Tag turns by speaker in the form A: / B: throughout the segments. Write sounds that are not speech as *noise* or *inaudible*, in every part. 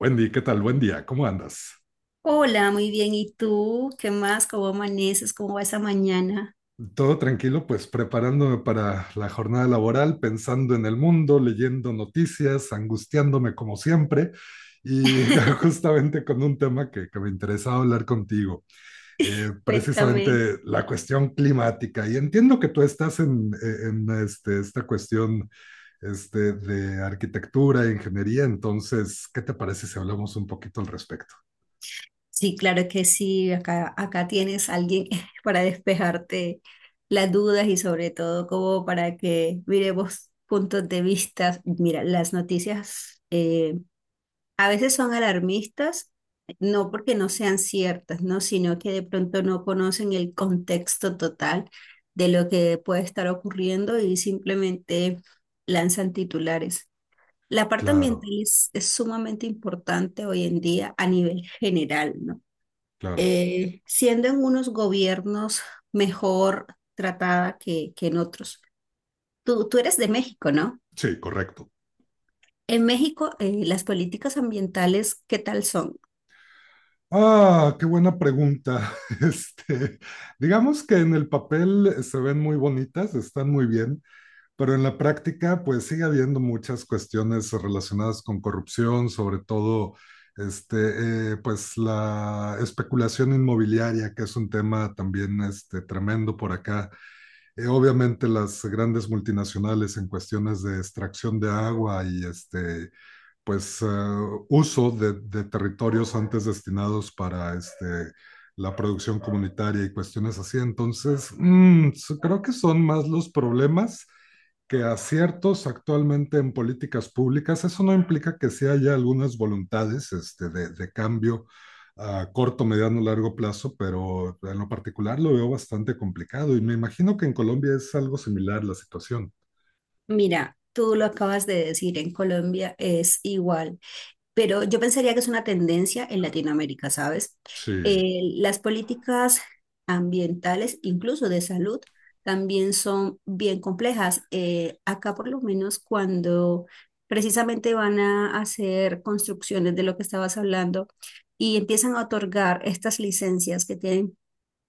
A: Wendy, ¿qué tal? Buen día, ¿cómo andas?
B: Hola, muy bien. ¿Y tú? ¿Qué más? ¿Cómo amaneces? ¿Cómo va esa mañana?
A: Todo tranquilo, pues preparándome para la jornada laboral, pensando en el mundo, leyendo noticias, angustiándome como siempre y *laughs*
B: *laughs*
A: justamente con un tema que me interesaba hablar contigo,
B: Cuéntame.
A: precisamente la cuestión climática. Y entiendo que tú estás en este, esta cuestión este, de arquitectura, ingeniería, entonces, ¿qué te parece si hablamos un poquito al respecto?
B: Sí, claro que sí. Acá tienes a alguien *laughs* para despejarte las dudas y sobre todo como para que miremos puntos de vista. Mira, las noticias a veces son alarmistas, no porque no sean ciertas, ¿no? Sino que de pronto no conocen el contexto total de lo que puede estar ocurriendo y simplemente lanzan titulares. La parte
A: Claro,
B: ambiental es sumamente importante hoy en día a nivel general, ¿no?
A: claro.
B: Siendo en unos gobiernos mejor tratada que en otros. Tú eres de México, ¿no?
A: Sí, correcto.
B: En México, las políticas ambientales, ¿qué tal son?
A: Ah, qué buena pregunta. *laughs* Este, digamos que en el papel se ven muy bonitas, están muy bien, pero en la práctica, pues sigue habiendo muchas cuestiones relacionadas con corrupción, sobre todo, este, pues la especulación inmobiliaria, que es un tema también, este, tremendo por acá. Obviamente las grandes multinacionales en cuestiones de extracción de agua y este pues uso de territorios antes destinados para este, la producción comunitaria y cuestiones así. Entonces, creo que son más los problemas que aciertos actualmente en políticas públicas. Eso no implica que sí haya algunas voluntades este, de cambio a corto, mediano, largo plazo, pero en lo particular lo veo bastante complicado y me imagino que en Colombia es algo similar la situación.
B: Mira, tú lo acabas de decir, en Colombia es igual, pero yo pensaría que es una tendencia en Latinoamérica, ¿sabes?
A: Sí.
B: Las políticas ambientales, incluso de salud, también son bien complejas. Acá por lo menos cuando precisamente van a hacer construcciones de lo que estabas hablando y empiezan a otorgar estas licencias que tienen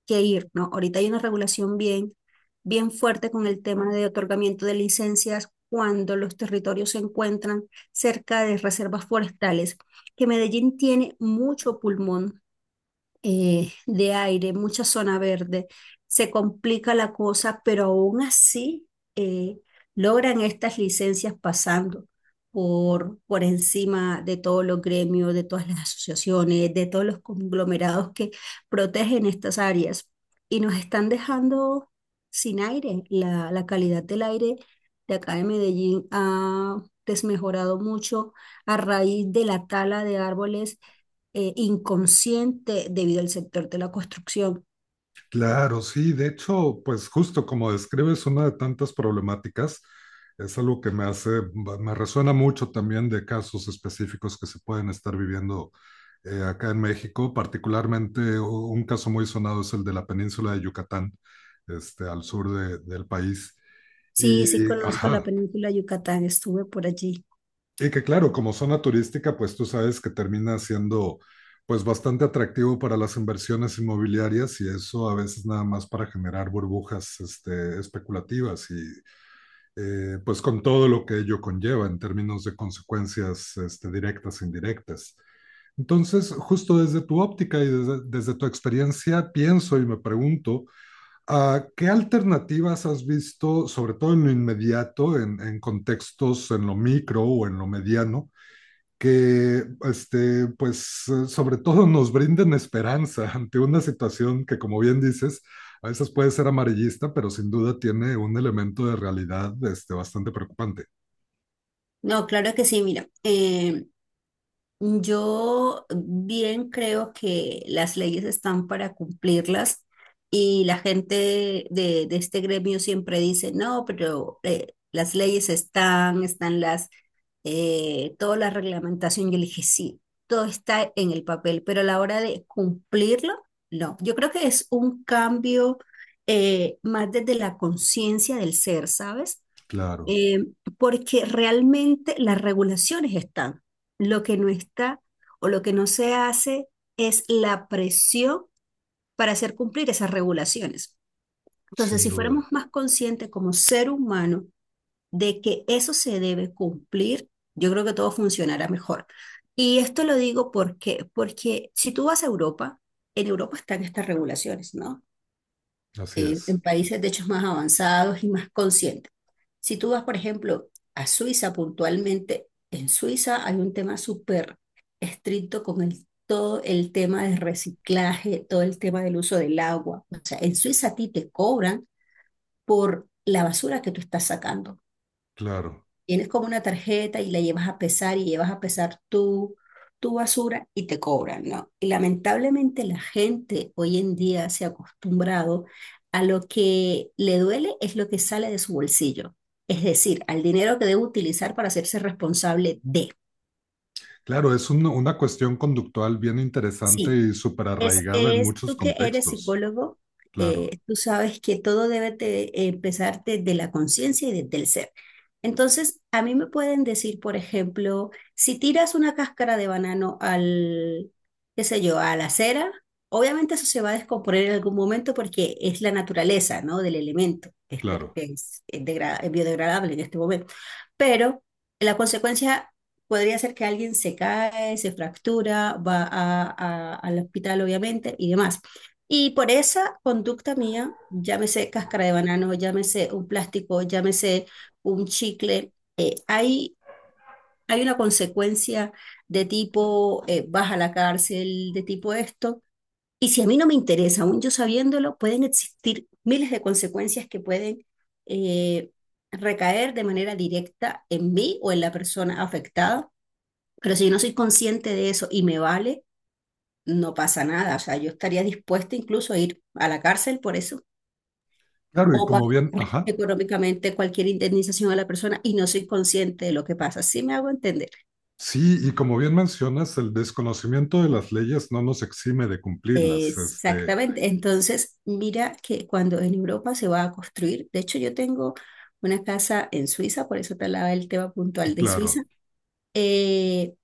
B: que ir, ¿no? Ahorita hay una regulación bien fuerte con el tema de otorgamiento de licencias cuando los territorios se encuentran cerca de reservas forestales, que Medellín tiene mucho pulmón de aire, mucha zona verde, se complica la cosa, pero aún así eh, logran estas licencias pasando por encima de todos los gremios, de todas las asociaciones, de todos los conglomerados que protegen estas áreas y nos están dejando sin aire. La calidad del aire de acá de Medellín ha desmejorado mucho a raíz de la tala de árboles inconsciente debido al sector de la construcción.
A: Claro, sí, de hecho, pues justo como describes una de tantas problemáticas, es algo que me hace, me resuena mucho también de casos específicos que se pueden estar viviendo acá en México, particularmente un caso muy sonado es el de la península de Yucatán, este, al del país.
B: Sí,
A: Y,
B: conozco la
A: ajá,
B: península de Yucatán, estuve por allí.
A: y que claro, como zona turística, pues tú sabes que termina siendo pues bastante atractivo para las inversiones inmobiliarias y eso a veces nada más para generar burbujas este, especulativas y pues con todo lo que ello conlleva en términos de consecuencias este, directas e indirectas. Entonces, justo desde tu óptica y desde tu experiencia, pienso y me pregunto, ¿qué alternativas has visto, sobre todo en lo inmediato, en contextos en lo micro o en lo mediano, que, este, pues, sobre todo nos brinden esperanza ante una situación que, como bien dices, a veces puede ser amarillista, pero sin duda tiene un elemento de realidad este, bastante preocupante.
B: No, claro que sí, mira, yo bien creo que las leyes están para cumplirlas y la gente de este gremio siempre dice, no, pero las leyes están, toda la reglamentación. Yo le dije, sí, todo está en el papel, pero a la hora de cumplirlo, no. Yo creo que es un cambio más desde la conciencia del ser, ¿sabes?
A: Claro,
B: eh, Porque realmente las regulaciones están. Lo que no está o lo que no se hace es la presión para hacer cumplir esas regulaciones. Entonces,
A: sin
B: si fuéramos
A: duda,
B: más conscientes como ser humano de que eso se debe cumplir, yo creo que todo funcionará mejor. Y esto lo digo porque, porque si tú vas a Europa, en Europa están estas regulaciones, ¿no?
A: así
B: En
A: es,
B: países de hecho más avanzados y más conscientes. Si tú vas, por ejemplo, a Suiza puntualmente, en Suiza hay un tema súper estricto con el, todo el tema del reciclaje, todo el tema del uso del agua. O sea, en Suiza a ti te cobran por la basura que tú estás sacando.
A: claro.
B: Tienes como una tarjeta y la llevas a pesar y llevas a pesar tu basura y te cobran, ¿no? Y lamentablemente la gente hoy en día se ha acostumbrado a lo que le duele es lo que sale de su bolsillo, es decir, al dinero que debe utilizar para hacerse responsable de.
A: Claro, es una cuestión conductual bien interesante
B: Sí,
A: y súper
B: Es,
A: arraigada en
B: es
A: muchos
B: tú que eres
A: contextos.
B: psicólogo,
A: Claro,
B: tú sabes que todo debe empezar desde la conciencia y desde el ser. Entonces, a mí me pueden decir, por ejemplo, si tiras una cáscara de banano al, qué sé yo, a la acera, obviamente eso se va a descomponer en algún momento porque es la naturaleza, ¿no? Del elemento, este,
A: claro.
B: es es biodegradable en este momento. Pero la consecuencia podría ser que alguien se cae, se fractura, al hospital, obviamente, y demás. Y por esa conducta mía, llámese cáscara de banano, llámese un plástico, llámese un chicle, eh, hay, hay una consecuencia de tipo vas a la cárcel, de tipo esto. Y si a mí no me interesa, aún yo sabiéndolo, pueden existir miles de consecuencias que pueden eh, recaer de manera directa en mí o en la persona afectada, pero si yo no soy consciente de eso y me vale, no pasa nada. O sea, yo estaría dispuesta incluso a ir a la cárcel por eso
A: Claro, y
B: o pagar
A: como bien, ajá,
B: económicamente cualquier indemnización a la persona y no soy consciente de lo que pasa. Sí me hago entender.
A: sí, y como bien mencionas, el desconocimiento de las leyes no nos exime de cumplirlas. Este,
B: Exactamente. Entonces, mira que cuando en Europa se va a construir, de hecho yo tengo una casa en Suiza, por eso te hablaba del tema puntual de Suiza.
A: claro.
B: Eh,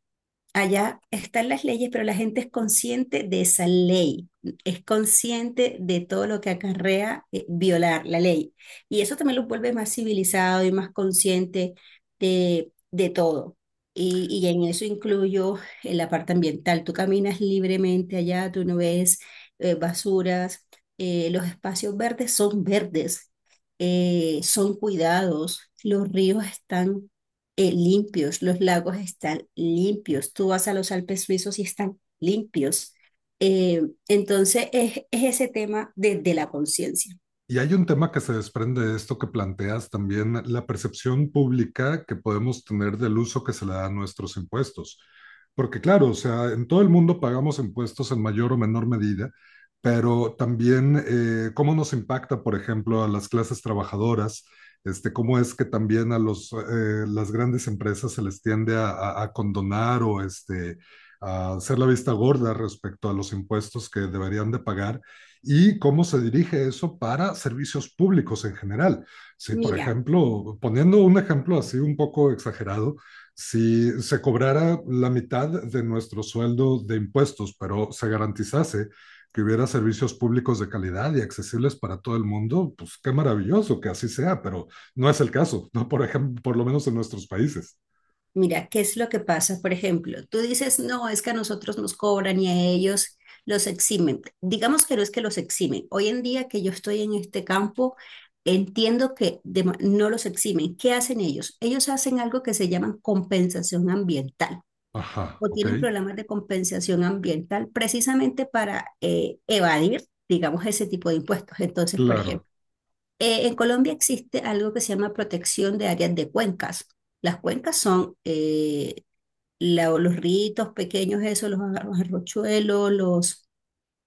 B: Allá están las leyes, pero la gente es consciente de esa ley, es consciente de todo lo que acarrea violar la ley. Y eso también los vuelve más civilizado y más consciente de todo. Y en eso incluyo la parte ambiental. Tú caminas libremente allá, tú no ves basuras, los espacios verdes, son cuidados, los ríos están limpios, los lagos están limpios, tú vas a los Alpes suizos y están limpios. Eh, entonces es ese tema de la conciencia.
A: Y hay un tema que se desprende de esto que planteas también, la percepción pública que podemos tener del uso que se le da a nuestros impuestos. Porque claro, o sea, en todo el mundo pagamos impuestos en mayor o menor medida, pero también cómo nos impacta, por ejemplo, a las clases trabajadoras, este, cómo es que también a los, las grandes empresas se les tiende a, a condonar o este, a hacer la vista gorda respecto a los impuestos que deberían de pagar. Y cómo se dirige eso para servicios públicos en general. Si, por
B: Mira,
A: ejemplo, poniendo un ejemplo así un poco exagerado, si se cobrara la mitad de nuestro sueldo de impuestos, pero se garantizase que hubiera servicios públicos de calidad y accesibles para todo el mundo, pues qué maravilloso que así sea, pero no es el caso, ¿no? Por ejemplo, por lo menos en nuestros países.
B: mira, ¿qué es lo que pasa? Por ejemplo, tú dices, no, es que a nosotros nos cobran y a ellos los eximen. Digamos que no es que los eximen. Hoy en día que yo estoy en este campo, entiendo que no los eximen. ¿Qué hacen ellos? Ellos hacen algo que se llama compensación ambiental.
A: Ajá,
B: O
A: ok,
B: tienen problemas de compensación ambiental precisamente para evadir, digamos, ese tipo de impuestos. Entonces, por
A: claro,
B: ejemplo, en Colombia existe algo que se llama protección de áreas de cuencas. Las cuencas son los ríos pequeños, eso, los arrochuelos, los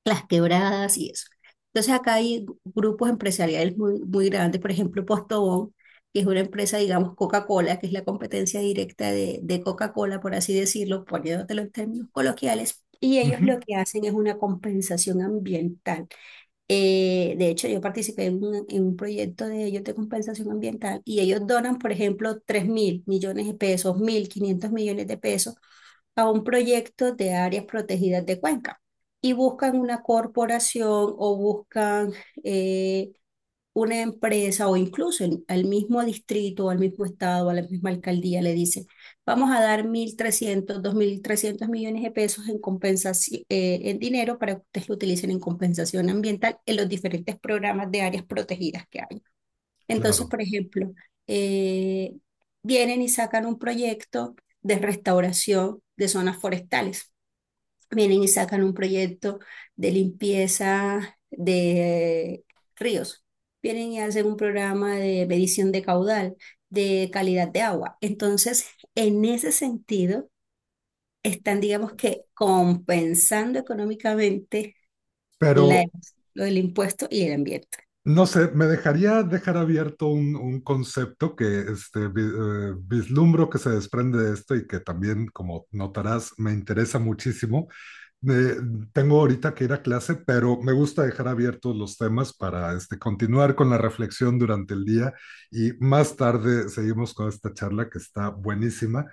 B: las quebradas y eso. Entonces acá hay grupos empresariales muy grandes, por ejemplo Postobón, que es una empresa, digamos, Coca-Cola, que es la competencia directa de Coca-Cola, por así decirlo, poniéndotelo en términos coloquiales, y ellos
A: ujú,
B: lo que hacen es una compensación ambiental. De hecho, yo participé en un proyecto de ellos de compensación ambiental y ellos donan, por ejemplo, 3.000 millones de pesos, 1.500 millones de pesos a un proyecto de áreas protegidas de Cuenca y buscan una corporación o buscan eh, una empresa o incluso al mismo distrito, o al mismo estado, a la misma alcaldía le dice, vamos a dar 1.300 2.300 millones de pesos en compensación, en dinero para que ustedes lo utilicen en compensación ambiental en los diferentes programas de áreas protegidas que hay. Entonces,
A: claro.
B: por ejemplo, eh, vienen y sacan un proyecto de restauración de zonas forestales, vienen y sacan un proyecto de limpieza de ríos, vienen y hacen un programa de medición de caudal, de calidad de agua. Entonces, en ese sentido, están, digamos que, compensando económicamente la,
A: Pero
B: lo del impuesto y el ambiente.
A: no sé, me dejaría dejar abierto un concepto que este, vislumbro que se desprende de esto y que también, como notarás, me interesa muchísimo. Eh, Tengo ahorita que ir a clase, pero me gusta dejar abiertos los temas para este, continuar con la reflexión durante el día y más tarde seguimos con esta charla que está buenísima.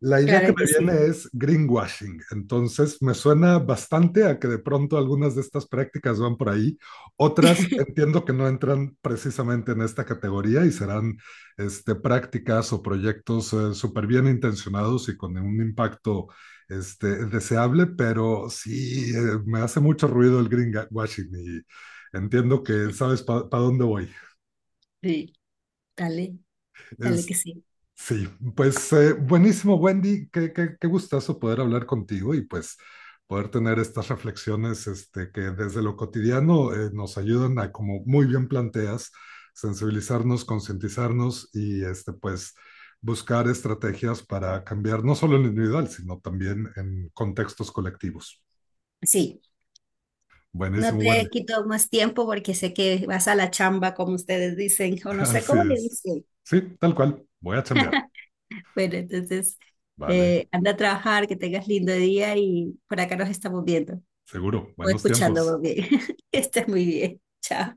A: La idea que
B: Claro
A: me
B: que sí,
A: viene es greenwashing, entonces me suena bastante a que de pronto algunas de estas prácticas van por ahí, otras entiendo que no entran precisamente en esta categoría y serán este, prácticas o proyectos súper bien intencionados y con un impacto este, deseable, pero sí me hace mucho ruido el greenwashing y entiendo que sabes para pa dónde voy.
B: sí, dale, dale que
A: Este,
B: sí.
A: sí, pues buenísimo, Wendy. Qué gustazo poder hablar contigo y pues poder tener estas reflexiones este, que desde lo cotidiano nos ayudan a, como muy bien planteas, sensibilizarnos, concientizarnos y este, pues buscar estrategias para cambiar no solo en lo individual, sino también en contextos colectivos.
B: Sí. No
A: Buenísimo, Wendy.
B: te quito más tiempo porque sé que vas a la chamba, como ustedes dicen, o
A: *laughs*
B: no sé
A: Así
B: cómo le
A: es.
B: dicen.
A: Sí, tal cual. Voy a chambear.
B: Bueno, entonces
A: Vale,
B: anda a trabajar, que tengas lindo día y por acá nos estamos viendo
A: seguro.
B: o
A: Buenos
B: escuchando
A: tiempos.
B: más bien. *laughs* Que estés muy bien. Chao.